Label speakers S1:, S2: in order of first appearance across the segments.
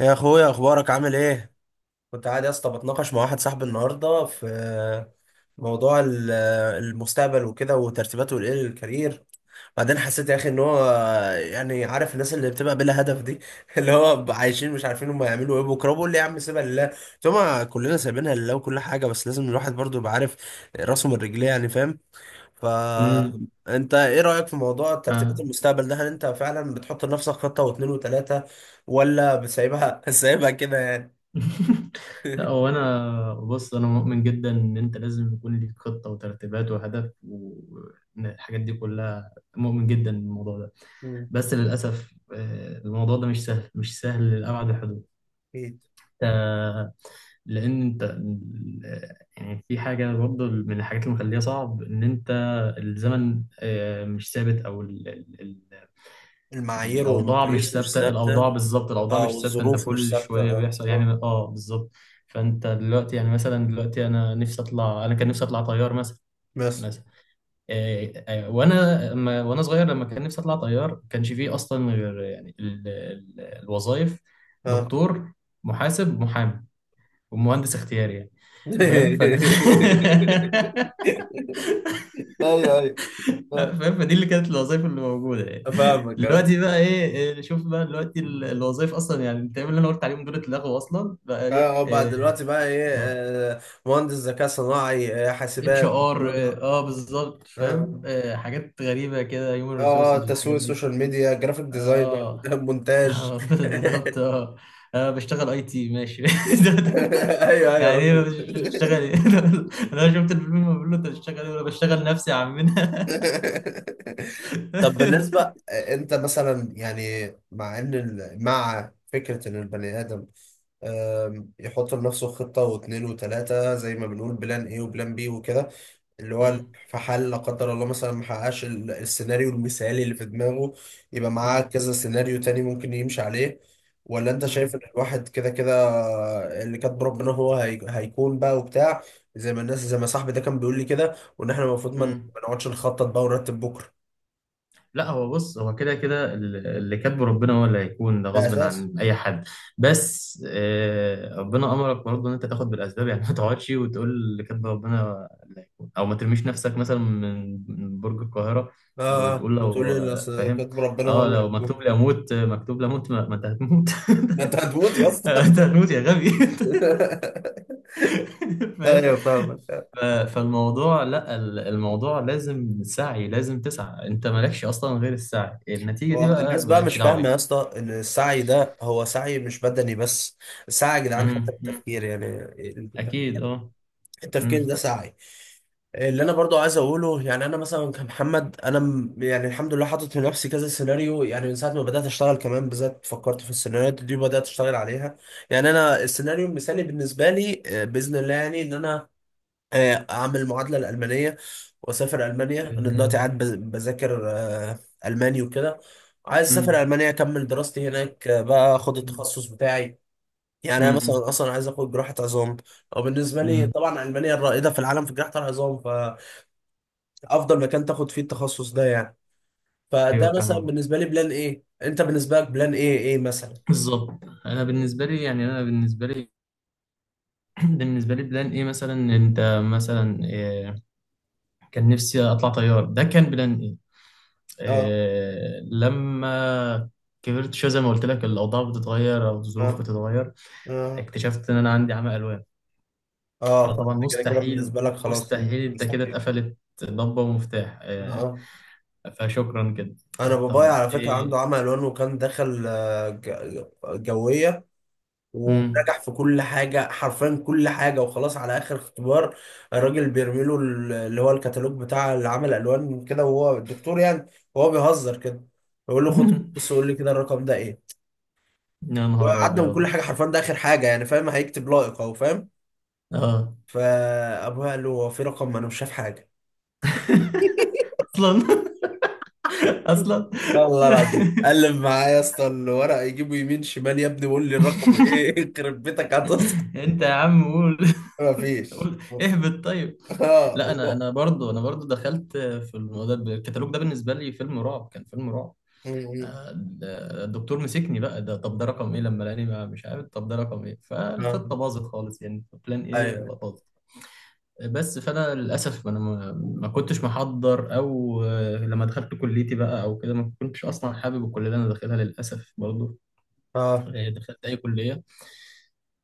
S1: يا اخويا، اخبارك عامل ايه؟ كنت قاعد يا اسطى بتناقش مع واحد صاحبي النهارده في موضوع المستقبل وكده وترتيباته لايه للكارير. بعدين حسيت يا اخي ان هو يعني، عارف الناس اللي بتبقى بلا هدف دي؟ اللي هو عايشين مش عارفين هم هيعملوا ايه بكره، بقول لي يا عم سيبها لله. ثم كلنا سايبينها لله وكل حاجه، بس لازم الواحد برضو يبقى عارف راسه من رجليه يعني، فاهم؟
S2: امم
S1: فانت ايه رأيك في موضوع ترتيبات
S2: آه.
S1: المستقبل ده؟ هل انت فعلا بتحط لنفسك خطة واثنين وثلاثة ولا بتسيبها سايبها كده يعني؟
S2: لا، هو انا بص انا مؤمن جدا ان انت لازم يكون ليك خطه وترتيبات وهدف والحاجات دي كلها. مؤمن جدا بالموضوع ده.
S1: مم.
S2: بس للاسف، الموضوع ده مش سهل، مش سهل لابعد الحدود.
S1: أكيد.
S2: آه، لان انت يعني في حاجه برضه من الحاجات اللي مخليها صعب ان انت الزمن مش ثابت او
S1: المعايير
S2: الاوضاع مش
S1: والمقاييس مش
S2: ثابته،
S1: ثابتة.
S2: الاوضاع بالظبط، الاوضاع
S1: اه،
S2: مش ثابته، انت
S1: والظروف مش
S2: كل
S1: ثابتة،
S2: شويه
S1: اه.
S2: بيحصل يعني،
S1: آه.
S2: بالظبط. فانت دلوقتي يعني مثلا دلوقتي انا كان نفسي اطلع طيار مثلا.
S1: بس،
S2: مثلا، إيه، إيه، وانا صغير لما كان نفسي اطلع طيار، ما كانش فيه اصلا غير يعني الوظائف:
S1: اه،
S2: دكتور، محاسب، محامي، ومهندس اختياري يعني. فاهم فانت.
S1: ايوه، ايوه،
S2: لا،
S1: آه.
S2: فاهم، فدي اللي كانت الوظائف اللي موجوده يعني.
S1: فاهمك، اه.
S2: دلوقتي بقى ايه؟ نشوف بقى دلوقتي الوظائف اصلا، يعني انت اللي انا قلت عليهم دول اتلغوا اصلا، بقى
S1: اه.
S2: ايه؟
S1: بقى
S2: إيه،
S1: دلوقتي
S2: إيه،
S1: بقى ايه؟ مهندس ذكاء صناعي،
S2: اتش
S1: حاسبات،
S2: ار
S1: برمجة.
S2: بالظبط، فاهم.
S1: آه.
S2: حاجات غريبه كده، هيومن
S1: اه، اه،
S2: ريسورسز
S1: تسويق،
S2: والحاجات دي.
S1: سوشيال ميديا، جرافيك ديزاينر،
S2: اه
S1: مونتاج.
S2: بالظبط. اه انا بشتغل IT، ماشي.
S1: ايوه، ايوه،
S2: يعني ايه،
S1: هو.
S2: مش بشتغل ايه؟ انا شفت الفيلم، بقول له: انت بتشتغل ايه ولا بشتغل؟ نفسي يا عمنا.
S1: طب بالنسبه انت مثلا يعني، مع ان مع فكره ان البني ادم يحط لنفسه خطه واثنين وثلاثه زي ما بنقول، بلان ايه وبلان بي وكده، اللي هو
S2: مم.
S1: في حال لا قدر الله مثلا ما حققش السيناريو المثالي اللي في دماغه، يبقى معاه
S2: مم.
S1: كذا سيناريو تاني ممكن يمشي عليه. ولا انت شايف
S2: مم.
S1: ان الواحد كده كده اللي كاتب ربنا هو هيكون بقى وبتاع، زي ما الناس زي ما صاحبي ده كان بيقول لي كده، وان احنا المفروض ما
S2: مم.
S1: ما نقعدش نخطط بقى ونرتب بكره؟
S2: لا، هو بص، هو كده كده اللي كاتبه ربنا هو اللي هيكون، ده
S1: ده
S2: غصب
S1: اساس.
S2: عن اي حد. بس ربنا امرك برضه ان انت تاخد بالاسباب، يعني ما تقعدش وتقول اللي كاتبه ربنا اللي هيكون، او ما ترميش نفسك مثلا من برج القاهره
S1: اه، اه،
S2: وتقول: لو
S1: وتقول لي اصل
S2: فاهم،
S1: كاتب ربنا هو
S2: اه
S1: اللي
S2: لو مكتوب
S1: هيكون.
S2: لي اموت، مكتوب لي اموت. ما انت هتموت.
S1: ما انت هتموت يا
S2: انت
S1: اسطى!
S2: هتموت يا غبي. فاهم.
S1: ايوه، فاهم.
S2: فالموضوع لا، الموضوع لازم سعي، لازم تسعى. انت مالكش اصلا غير السعي، النتيجة دي
S1: هو
S2: بقى
S1: الناس بقى
S2: مالكش
S1: مش
S2: دعوة
S1: فاهمة
S2: بيها.
S1: يا اسطى إن السعي ده هو سعي مش بدني بس، سعي يا جدعان حتى في
S2: مم، مم.
S1: التفكير يعني. التفكير
S2: اكيد،
S1: التفكير
S2: مم.
S1: ده سعي. اللي أنا برضو عايز أقوله، يعني أنا مثلا كمحمد، أنا يعني الحمد لله حاطط لنفسي كذا سيناريو، يعني من ساعة ما بدأت أشتغل كمان بالذات فكرت في السيناريوهات دي وبدأت أشتغل عليها. يعني أنا السيناريو المثالي بالنسبة لي بإذن الله، يعني إن أنا اعمل المعادله الالمانيه واسافر المانيا. انا دلوقتي
S2: مم.
S1: قاعد بذاكر الماني وكده. عايز اسافر
S2: مم.
S1: المانيا اكمل دراستي هناك، بقى اخد التخصص بتاعي. يعني انا
S2: مم.
S1: مثلا اصلا عايز اخد جراحه عظام. او بالنسبه لي
S2: مم.
S1: طبعا المانيا الرائده في العالم في جراحه العظام، فافضل مكان تاخد فيه التخصص ده يعني.
S2: ايوه،
S1: فده مثلا
S2: فاهمة،
S1: بالنسبه لي بلان ايه. انت بالنسبه لك بلان ايه مثلا؟
S2: بالظبط. انا بالنسبة لي يعني، انا بالنسبة لي بالنسبة لي بلان ايه، مثلا انت، مثلا كان نفسي اطلع طيار، ده كان بلان.
S1: اه،
S2: لما كبرت شوية زي ما قلت لك، الأوضاع بتتغير أو الظروف
S1: اه،
S2: بتتغير،
S1: اه،
S2: اكتشفت إن أنا عندي عمى ألوان،
S1: اه،
S2: فطبعا
S1: فانت كده كده
S2: مستحيل،
S1: بالنسبه لك خلاص.
S2: مستحيل، أنت كده
S1: مستحيل.
S2: اتقفلت ضبة ومفتاح.
S1: اه، آه.
S2: فشكرا كده.
S1: انا بابايا
S2: طب
S1: على فكره عنده
S2: إيه؟
S1: عمى الوان، وكان دخل جويه.
S2: مم.
S1: ونجح في كل حاجه حرفيا، كل حاجه، وخلاص على اخر اختبار. الراجل بيرمي له اللي هو الكتالوج بتاع اللي عمل الوان كده، وهو الدكتور يعني. وهو بيهزر كده، بيقول له خد. بص، قول لي كده الرقم ده ايه.
S2: يا نهار
S1: وعدى من كل
S2: أبيض.
S1: حاجه حرفيا، ده اخر حاجه يعني، فاهم هيكتب لائق اهو، فاهم.
S2: آه
S1: فابويا قال له، هو في رقم؟ ما انا مش شايف حاجه.
S2: أصلا، أصلا.
S1: والله العظيم قلب معايا يا اسطى الورق، يجيبه يمين شمال يا ابني، وقول لي الرقم ايه. يخرب بيتك هتصحى.
S2: أنت يا عم قول،
S1: مفيش.
S2: قول اهبط طيب.
S1: اه.
S2: لا انا انا برضو انا برضو دخلت في الموضوع ده، الكتالوج ده بالنسبه لي فيلم رعب، كان فيلم رعب.
S1: م- م.
S2: آه، الدكتور مسكني بقى، ده طب ده رقم ايه؟ لما لقاني مش عارف طب ده رقم ايه،
S1: آه.
S2: فالخطه باظت خالص يعني، بلان ايه
S1: ايوه،
S2: باظت. بس فانا للاسف انا ما كنتش محضر، او لما دخلت كليتي بقى او كده، ما كنتش اصلا حابب الكليه اللي انا داخلها للاسف برضو.
S1: اه،
S2: دخلت أي كلية.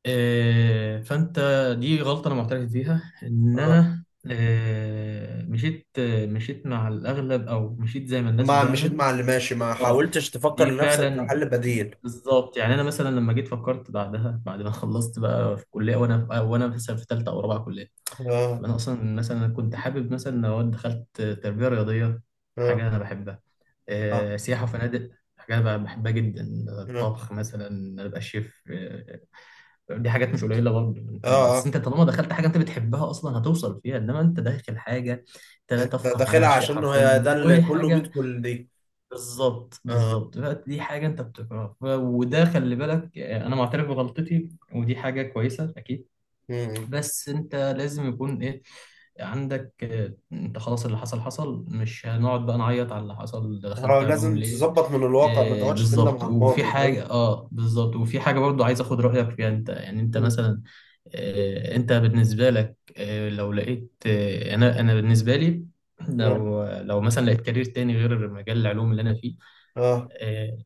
S2: فانت، دي غلطه انا معترف بيها، ان
S1: اه.
S2: انا مشيت مع الاغلب، او مشيت زي ما الناس
S1: ما مشيت
S2: بتعمل.
S1: مع اللي ماشي، ما
S2: اه
S1: حاولتش تفكر
S2: دي
S1: لنفسك في
S2: فعلا
S1: حل بديل؟
S2: بالظبط. يعني انا مثلا لما جيت فكرت بعدها، بعد ما خلصت بقى في كليه، وانا مثلا في ثالثه او رابعه كليه، طب
S1: اه،
S2: انا اصلا مثلا كنت حابب مثلا لو دخلت تربيه رياضيه،
S1: اه،
S2: حاجه انا بحبها.
S1: اه،
S2: سياحه وفنادق، حاجه انا بحبها جدا.
S1: اه،
S2: الطبخ مثلا، ابقى شيف. دي حاجات مش قليله برضه انت،
S1: اه،
S2: بس
S1: اه،
S2: انت طالما دخلت حاجه انت بتحبها اصلا هتوصل فيها، انما انت داخل حاجه انت لا
S1: انت
S2: تفقه عنها
S1: داخلها
S2: شيء
S1: عشان هو،
S2: حرفيا،
S1: ده اللي كله
S2: وحاجه،
S1: بيدخل دي.
S2: بالظبط،
S1: اه.
S2: بالظبط، بقى دي حاجه انت بتكرهها. وده خلي بالك. انا معترف بغلطتي، ودي حاجه كويسه اكيد.
S1: م- م.
S2: بس انت لازم يكون ايه عندك، انت خلاص اللي حصل حصل، مش هنقعد بقى نعيط على اللي حصل، ده
S1: اه،
S2: دخلت علوم
S1: لازم
S2: ليه؟
S1: تظبط من الواقع، ما تقعدش تندم
S2: بالظبط،
S1: على
S2: وفي
S1: الماضي. فاهم.
S2: حاجة. اه بالظبط، وفي حاجة برضو عايز اخد رأيك فيها، انت يعني انت
S1: م.
S2: مثلا، انت بالنسبة لك، لو لقيت، انا بالنسبة لي،
S1: اه،
S2: لو مثلا لقيت كارير تاني غير مجال العلوم اللي انا فيه،
S1: اه.
S2: آه،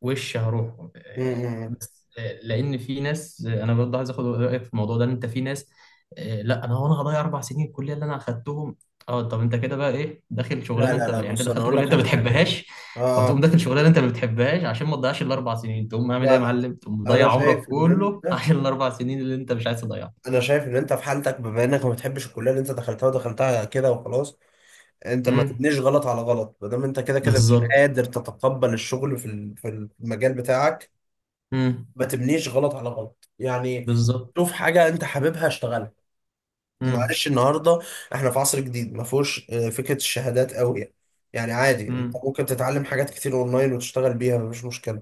S2: وش هروحه.
S1: م- م.
S2: بس لان في ناس، انا برضه عايز اخد رايك في الموضوع ده انت، في ناس، لا انا، وانا هضيع 4 سنين الكليه اللي انا اخدتهم؟ اه طب انت كده بقى ايه، داخل
S1: لا،
S2: شغلانه
S1: لا،
S2: انت
S1: لا،
S2: يعني، انت
S1: بص انا
S2: دخلت
S1: اقول
S2: كليه
S1: لك
S2: انت ما
S1: على حاجه.
S2: بتحبهاش، فتقوم
S1: اه.
S2: داخل شغلانه انت ما بتحبهاش عشان ما تضيعش الاربع سنين؟ تقوم عامل ايه
S1: لا،
S2: يا
S1: لا، لا،
S2: معلم؟ تقوم
S1: انا
S2: مضيع عمرك
S1: شايف ان
S2: كله
S1: انت.
S2: عشان الاربع سنين اللي انت مش عايز تضيعها.
S1: انا شايف ان انت في حالتك، بما انك ما بتحبش الكليه اللي انت دخلتها ودخلتها كده وخلاص. انت ما
S2: امم،
S1: تبنيش غلط على غلط، ما دام انت كده كده مش
S2: بالظبط.
S1: قادر تتقبل الشغل في المجال بتاعك.
S2: امم،
S1: ما تبنيش غلط على غلط يعني.
S2: بالظبط.
S1: شوف حاجه انت حاببها، اشتغلها.
S2: امم،
S1: معلش، النهارده احنا في عصر جديد ما فيهوش فكره الشهادات قوي يعني. يعني عادي، انت
S2: امم،
S1: ممكن تتعلم حاجات كتير اونلاين وتشتغل بيها، مفيش مشكله.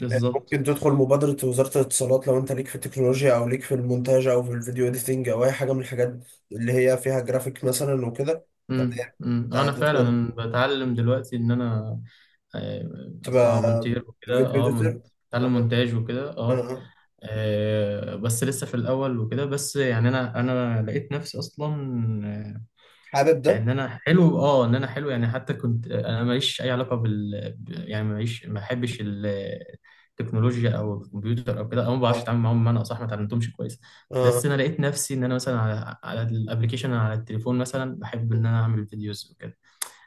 S2: بالظبط.
S1: ممكن تدخل مبادرة وزارة الاتصالات لو انت ليك في التكنولوجيا، او ليك في المونتاج، او في الفيديو اديتنج، او اي حاجة من الحاجات اللي هي فيها جرافيك مثلا وكده. تمام.
S2: انا
S1: هتدخل
S2: فعلا بتعلم دلوقتي ان انا اطلع
S1: تبقى
S2: مونتير وكده،
S1: فيديو اديتور.
S2: اتعلم
S1: اه،
S2: مونتاج وكده.
S1: اه. آه.
S2: بس لسه في الاول وكده، بس يعني انا لقيت نفسي اصلا
S1: حابب ده،
S2: ان انا حلو يعني. حتى كنت انا ماليش اي علاقه يعني ماليش، ما بحبش التكنولوجيا او الكمبيوتر او كده، او ما
S1: اه،
S2: بعرفش اتعامل معاهم، بمعنى اصح ما اتعلمتهمش كويس.
S1: اه.
S2: بس انا لقيت نفسي ان انا مثلا على الابلكيشن، على التليفون مثلا بحب ان انا اعمل فيديوز وكده.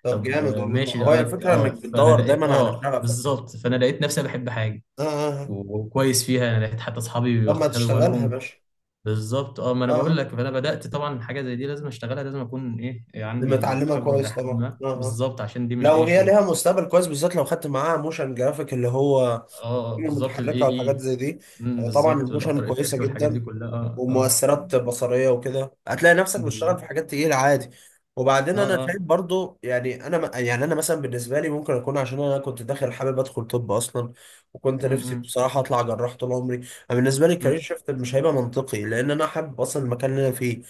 S1: طب
S2: طب
S1: جامد والله، ما
S2: ماشي.
S1: هو هي الفكرة انك
S2: فانا
S1: بتدور
S2: لقيت،
S1: دايما على شغفك.
S2: بالظبط، فانا لقيت نفسي أنا بحب حاجه،
S1: اه، اه، آه.
S2: وكويس فيها، انا لقيت حتى اصحابي
S1: طب ما
S2: واخدوا
S1: تشتغلها يا
S2: بالهم.
S1: باشا.
S2: بالظبط. اه ما انا
S1: اه،
S2: بقول
S1: اه،
S2: لك، فانا بدات طبعا حاجه زي دي لازم اشتغلها، لازم اكون ايه يعني
S1: لما
S2: عندي
S1: تعلمها
S2: خبره الى
S1: كويس
S2: حد
S1: طبعا،
S2: ما،
S1: اه، اه،
S2: بالظبط، عشان دي مش
S1: لو
S2: اي
S1: هي
S2: شغل
S1: ليها
S2: ايه.
S1: مستقبل كويس، بالذات لو خدت معاها موشن جرافيك اللي هو
S2: بالظبط، الاي
S1: المتحركه والحاجات
S2: اي.
S1: زي دي.
S2: أمم،
S1: طبعا
S2: بالظبط،
S1: الموشن
S2: والافتر
S1: كويسه
S2: افكت والحاجات دي
S1: جدا.
S2: كلها. اه
S1: ومؤثرات بصريه وكده، هتلاقي نفسك بتشتغل في
S2: بالظبط.
S1: حاجات تقيله عادي. وبعدين
S2: اه
S1: انا
S2: اه
S1: شايف برضو، يعني انا يعني انا مثلا بالنسبه لي، ممكن اكون عشان انا كنت داخل حابب ادخل طب اصلا. وكنت
S2: أمم،
S1: نفسي
S2: أمم،
S1: بصراحه اطلع جراح طول عمري. أنا بالنسبه لي الكارير شيفت مش هيبقى منطقي لان انا حابب اصلا
S2: أمم،
S1: المكان اللي انا فيه.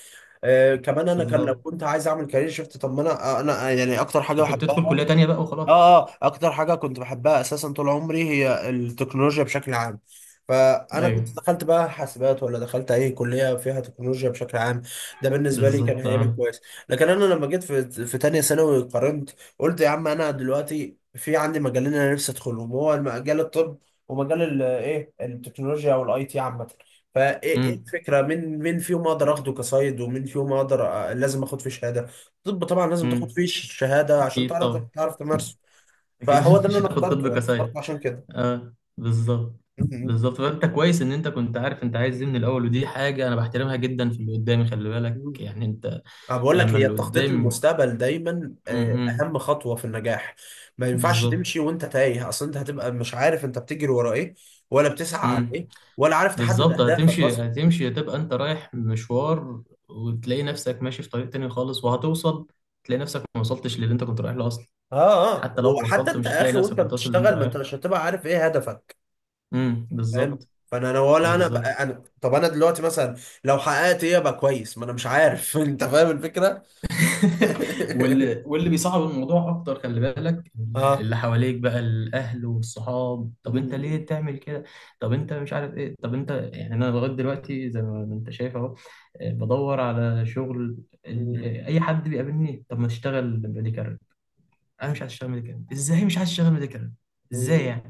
S1: كمان انا كان لو
S2: بالظبط.
S1: كنت عايز اعمل كارير شيفت، طب ما انا يعني اكتر حاجه
S2: انت كنت
S1: بحبها.
S2: تدخل كليه تانيه بقى وخلاص.
S1: اه، اه، اكتر حاجه كنت بحبها اساسا طول عمري هي التكنولوجيا بشكل عام. فانا
S2: ايوه،
S1: كنت دخلت بقى حاسبات، ولا دخلت اي كليه فيها تكنولوجيا بشكل عام. ده بالنسبه لي كان
S2: بالظبط.
S1: هيبقى
S2: اه
S1: كويس. لكن انا لما جيت في تانية ثانوي قارنت. قلت يا عم، انا دلوقتي في عندي مجالين انا نفسي ادخلهم، هو مجال الطب. ومجال ال- ايه التكنولوجيا والاي تي عامه. فايه إيه
S2: امم،
S1: الفكره، مين مين فيهم اقدر اخده كصيد، ومين فيهم اقدر. لازم اخد فيه شهاده. طب طبعا لازم تاخد
S2: أمم.
S1: فيه شهادة عشان
S2: اكيد
S1: تعرف
S2: طبعا،
S1: تعرف تمارسه.
S2: اكيد.
S1: فهو ده اللي
S2: مش
S1: انا
S2: هتاخد
S1: اخترته
S2: طب
S1: انا
S2: كسايد.
S1: اخترته عشان كده.
S2: اه بالظبط،
S1: مم.
S2: بالظبط. فانت كويس ان انت كنت عارف انت عايز ايه من الاول، ودي حاجه انا بحترمها جدا في اللي قدامي، خلي بالك
S1: مم.
S2: يعني انت
S1: انا بقول لك،
S2: لما
S1: هي
S2: اللي
S1: التخطيط
S2: قدامي.
S1: للمستقبل دايما
S2: امم،
S1: اهم خطوه في النجاح. ما ينفعش
S2: بالظبط.
S1: تمشي وانت تايه اصلا، انت هتبقى مش عارف انت بتجري ورا ايه. ولا بتسعى على
S2: امم،
S1: ايه. ولا عارف تحدد
S2: بالظبط.
S1: اهدافك
S2: هتمشي،
S1: اصلا.
S2: هتمشي، هتبقى انت رايح مشوار، وتلاقي نفسك ماشي في طريق تاني خالص، وهتوصل تلاقي نفسك ما وصلتش للي انت كنت رايح له اصلا.
S1: اه، اه،
S2: حتى لو
S1: وحتى
S2: وصلت
S1: انت
S2: مش
S1: يا
S2: هتلاقي
S1: اخي
S2: نفسك
S1: وانت
S2: كنت واصل للي انت
S1: بتشتغل، ما
S2: رايح
S1: انت
S2: له.
S1: مش هتبقى عارف ايه هدفك.
S2: امم،
S1: فاهم.
S2: بالظبط.
S1: فانا ولا انا
S2: بالظبط.
S1: بقى انا، طب انا دلوقتي مثلا لو حققت ايه ابقى كويس، ما انا مش عارف. انت فاهم الفكره؟
S2: واللي بيصعب الموضوع اكتر، خلي بالك،
S1: اه.
S2: اللي حواليك بقى الاهل والصحاب: طب انت
S1: مم.
S2: ليه تعمل كده؟ طب انت مش عارف ايه؟ طب انت يعني انا لغايه دلوقتي زي ما انت شايف اهو، بدور على شغل.
S1: مم.
S2: اي حد بيقابلني: طب ما تشتغل ميديكال. انا مش عايز اشتغل ميديكال. ازاي مش عايز اشتغل ميديكال؟ ازاي
S1: مم.
S2: يعني؟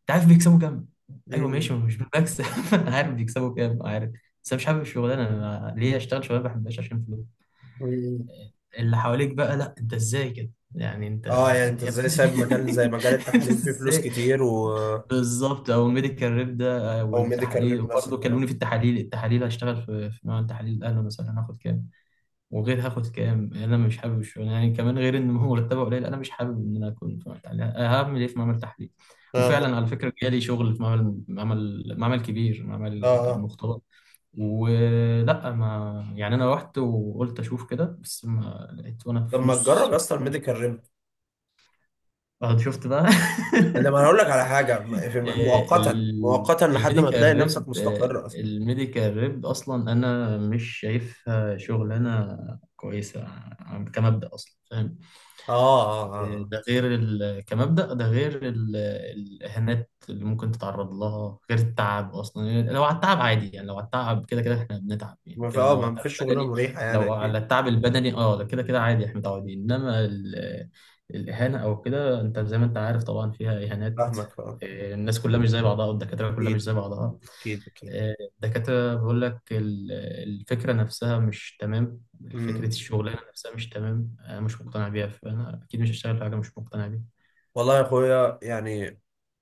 S2: انت عارف بيكسبوا كام؟ ايوه ماشي،
S1: مم.
S2: مش بكسب. انا عارف بيكسبوا كام، عارف. بس انا مش حابب الشغلانه، أنا ليه اشتغل شغلانه ما بحبهاش عشان فلوس؟
S1: مم.
S2: اللي حواليك بقى: لا، انت ازاي كده، يعني انت،
S1: اه، يعني انت
S2: يا
S1: ازاي
S2: ابني.
S1: سايب مجال زي مجال
S2: انت
S1: التحاليل فيه فلوس
S2: ازاي؟
S1: كتير و.
S2: بالظبط. او ميديكال ريب ده،
S1: او ميديكال
S2: والتحاليل،
S1: ريب
S2: وبرضه
S1: مثلا، اه،
S2: كلموني في التحاليل، التحاليل هشتغل في، في نوع التحاليل، الاهلي مثلا هاخد كام؟ وغير هاخد كام؟ انا مش حابب الشغل يعني، كمان غير ان هو مرتبه قليل، انا مش حابب ان انا اكون في معمل تحليل. هعمل ايه في معمل تحليل؟
S1: اه،
S2: وفعلا على فكره جالي شغل في معمل، معمل كبير، معمل
S1: اه.
S2: مختبر، ولا ما، يعني انا رحت وقلت اشوف كده، بس ما لقيت وانا
S1: طب
S2: في
S1: ما تجرب
S2: نص
S1: يا اسطى
S2: الطريق
S1: الميديكال ريب.
S2: بعد شفت بقى.
S1: لما، انا هقول لك على حاجه، مؤقتا مؤقتا لحد ما تلاقي
S2: الميديكال
S1: نفسك
S2: ريب،
S1: مستقر اصلا.
S2: الميديكال ريب اصلا انا مش شايفها شغلانه كويسه، كمبدأ اصلا فاهم،
S1: اه، اه، اه، اه.
S2: ده غير كمبدأ، ده غير الإهانات اللي ممكن تتعرض لها، غير التعب أصلا. يعني لو على التعب عادي يعني، لو على التعب كده كده إحنا بنتعب يعني،
S1: ما في
S2: كده
S1: اه
S2: لو على
S1: ما
S2: التعب
S1: فيش شغلانه
S2: البدني،
S1: مريحه يعني،
S2: لو على
S1: اكيد.
S2: التعب البدني أه، ده كده كده عادي، إحنا متعودين، إنما الإهانة أو كده، أنت زي ما أنت عارف طبعا فيها إهانات.
S1: فاهمك، اه.
S2: الناس كلها مش زي بعضها، والدكاترة كلها مش
S1: اكيد،
S2: زي بعضها،
S1: اكيد، اكيد.
S2: الدكاترة بقول لك الفكرة نفسها مش تمام، فكرة
S1: مم.
S2: الشغلانة نفسها مش تمام، أنا مش مقتنع بيها، فأنا أكيد مش هشتغل في حاجة مش مقتنع بيها.
S1: والله يا اخويا يعني،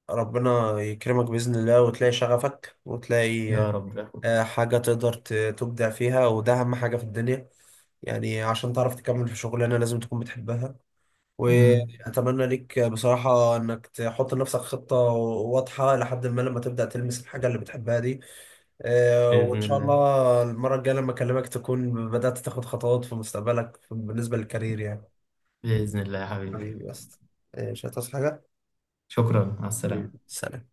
S1: ربنا يكرمك بإذن الله وتلاقي شغفك وتلاقي
S2: يا رب يا أخوي.
S1: حاجة تقدر تبدع فيها، وده أهم حاجة في الدنيا. يعني عشان تعرف تكمل في شغلانة لازم تكون بتحبها.
S2: أمم،
S1: وأتمنى ليك بصراحة إنك تحط لنفسك خطة واضحة، لحد ما لما تبدأ تلمس الحاجة اللي بتحبها دي. وإن
S2: بإذن
S1: شاء
S2: الله.
S1: الله المرة الجاية لما أكلمك تكون بدأت تاخد خطوات في مستقبلك بالنسبة للكارير يعني.
S2: بإذن الله يا حبيبي.
S1: حبيبي بس. مش هتصحى حاجة.
S2: شكرا، مع
S1: حبيبي،
S2: السلامة.
S1: سلام.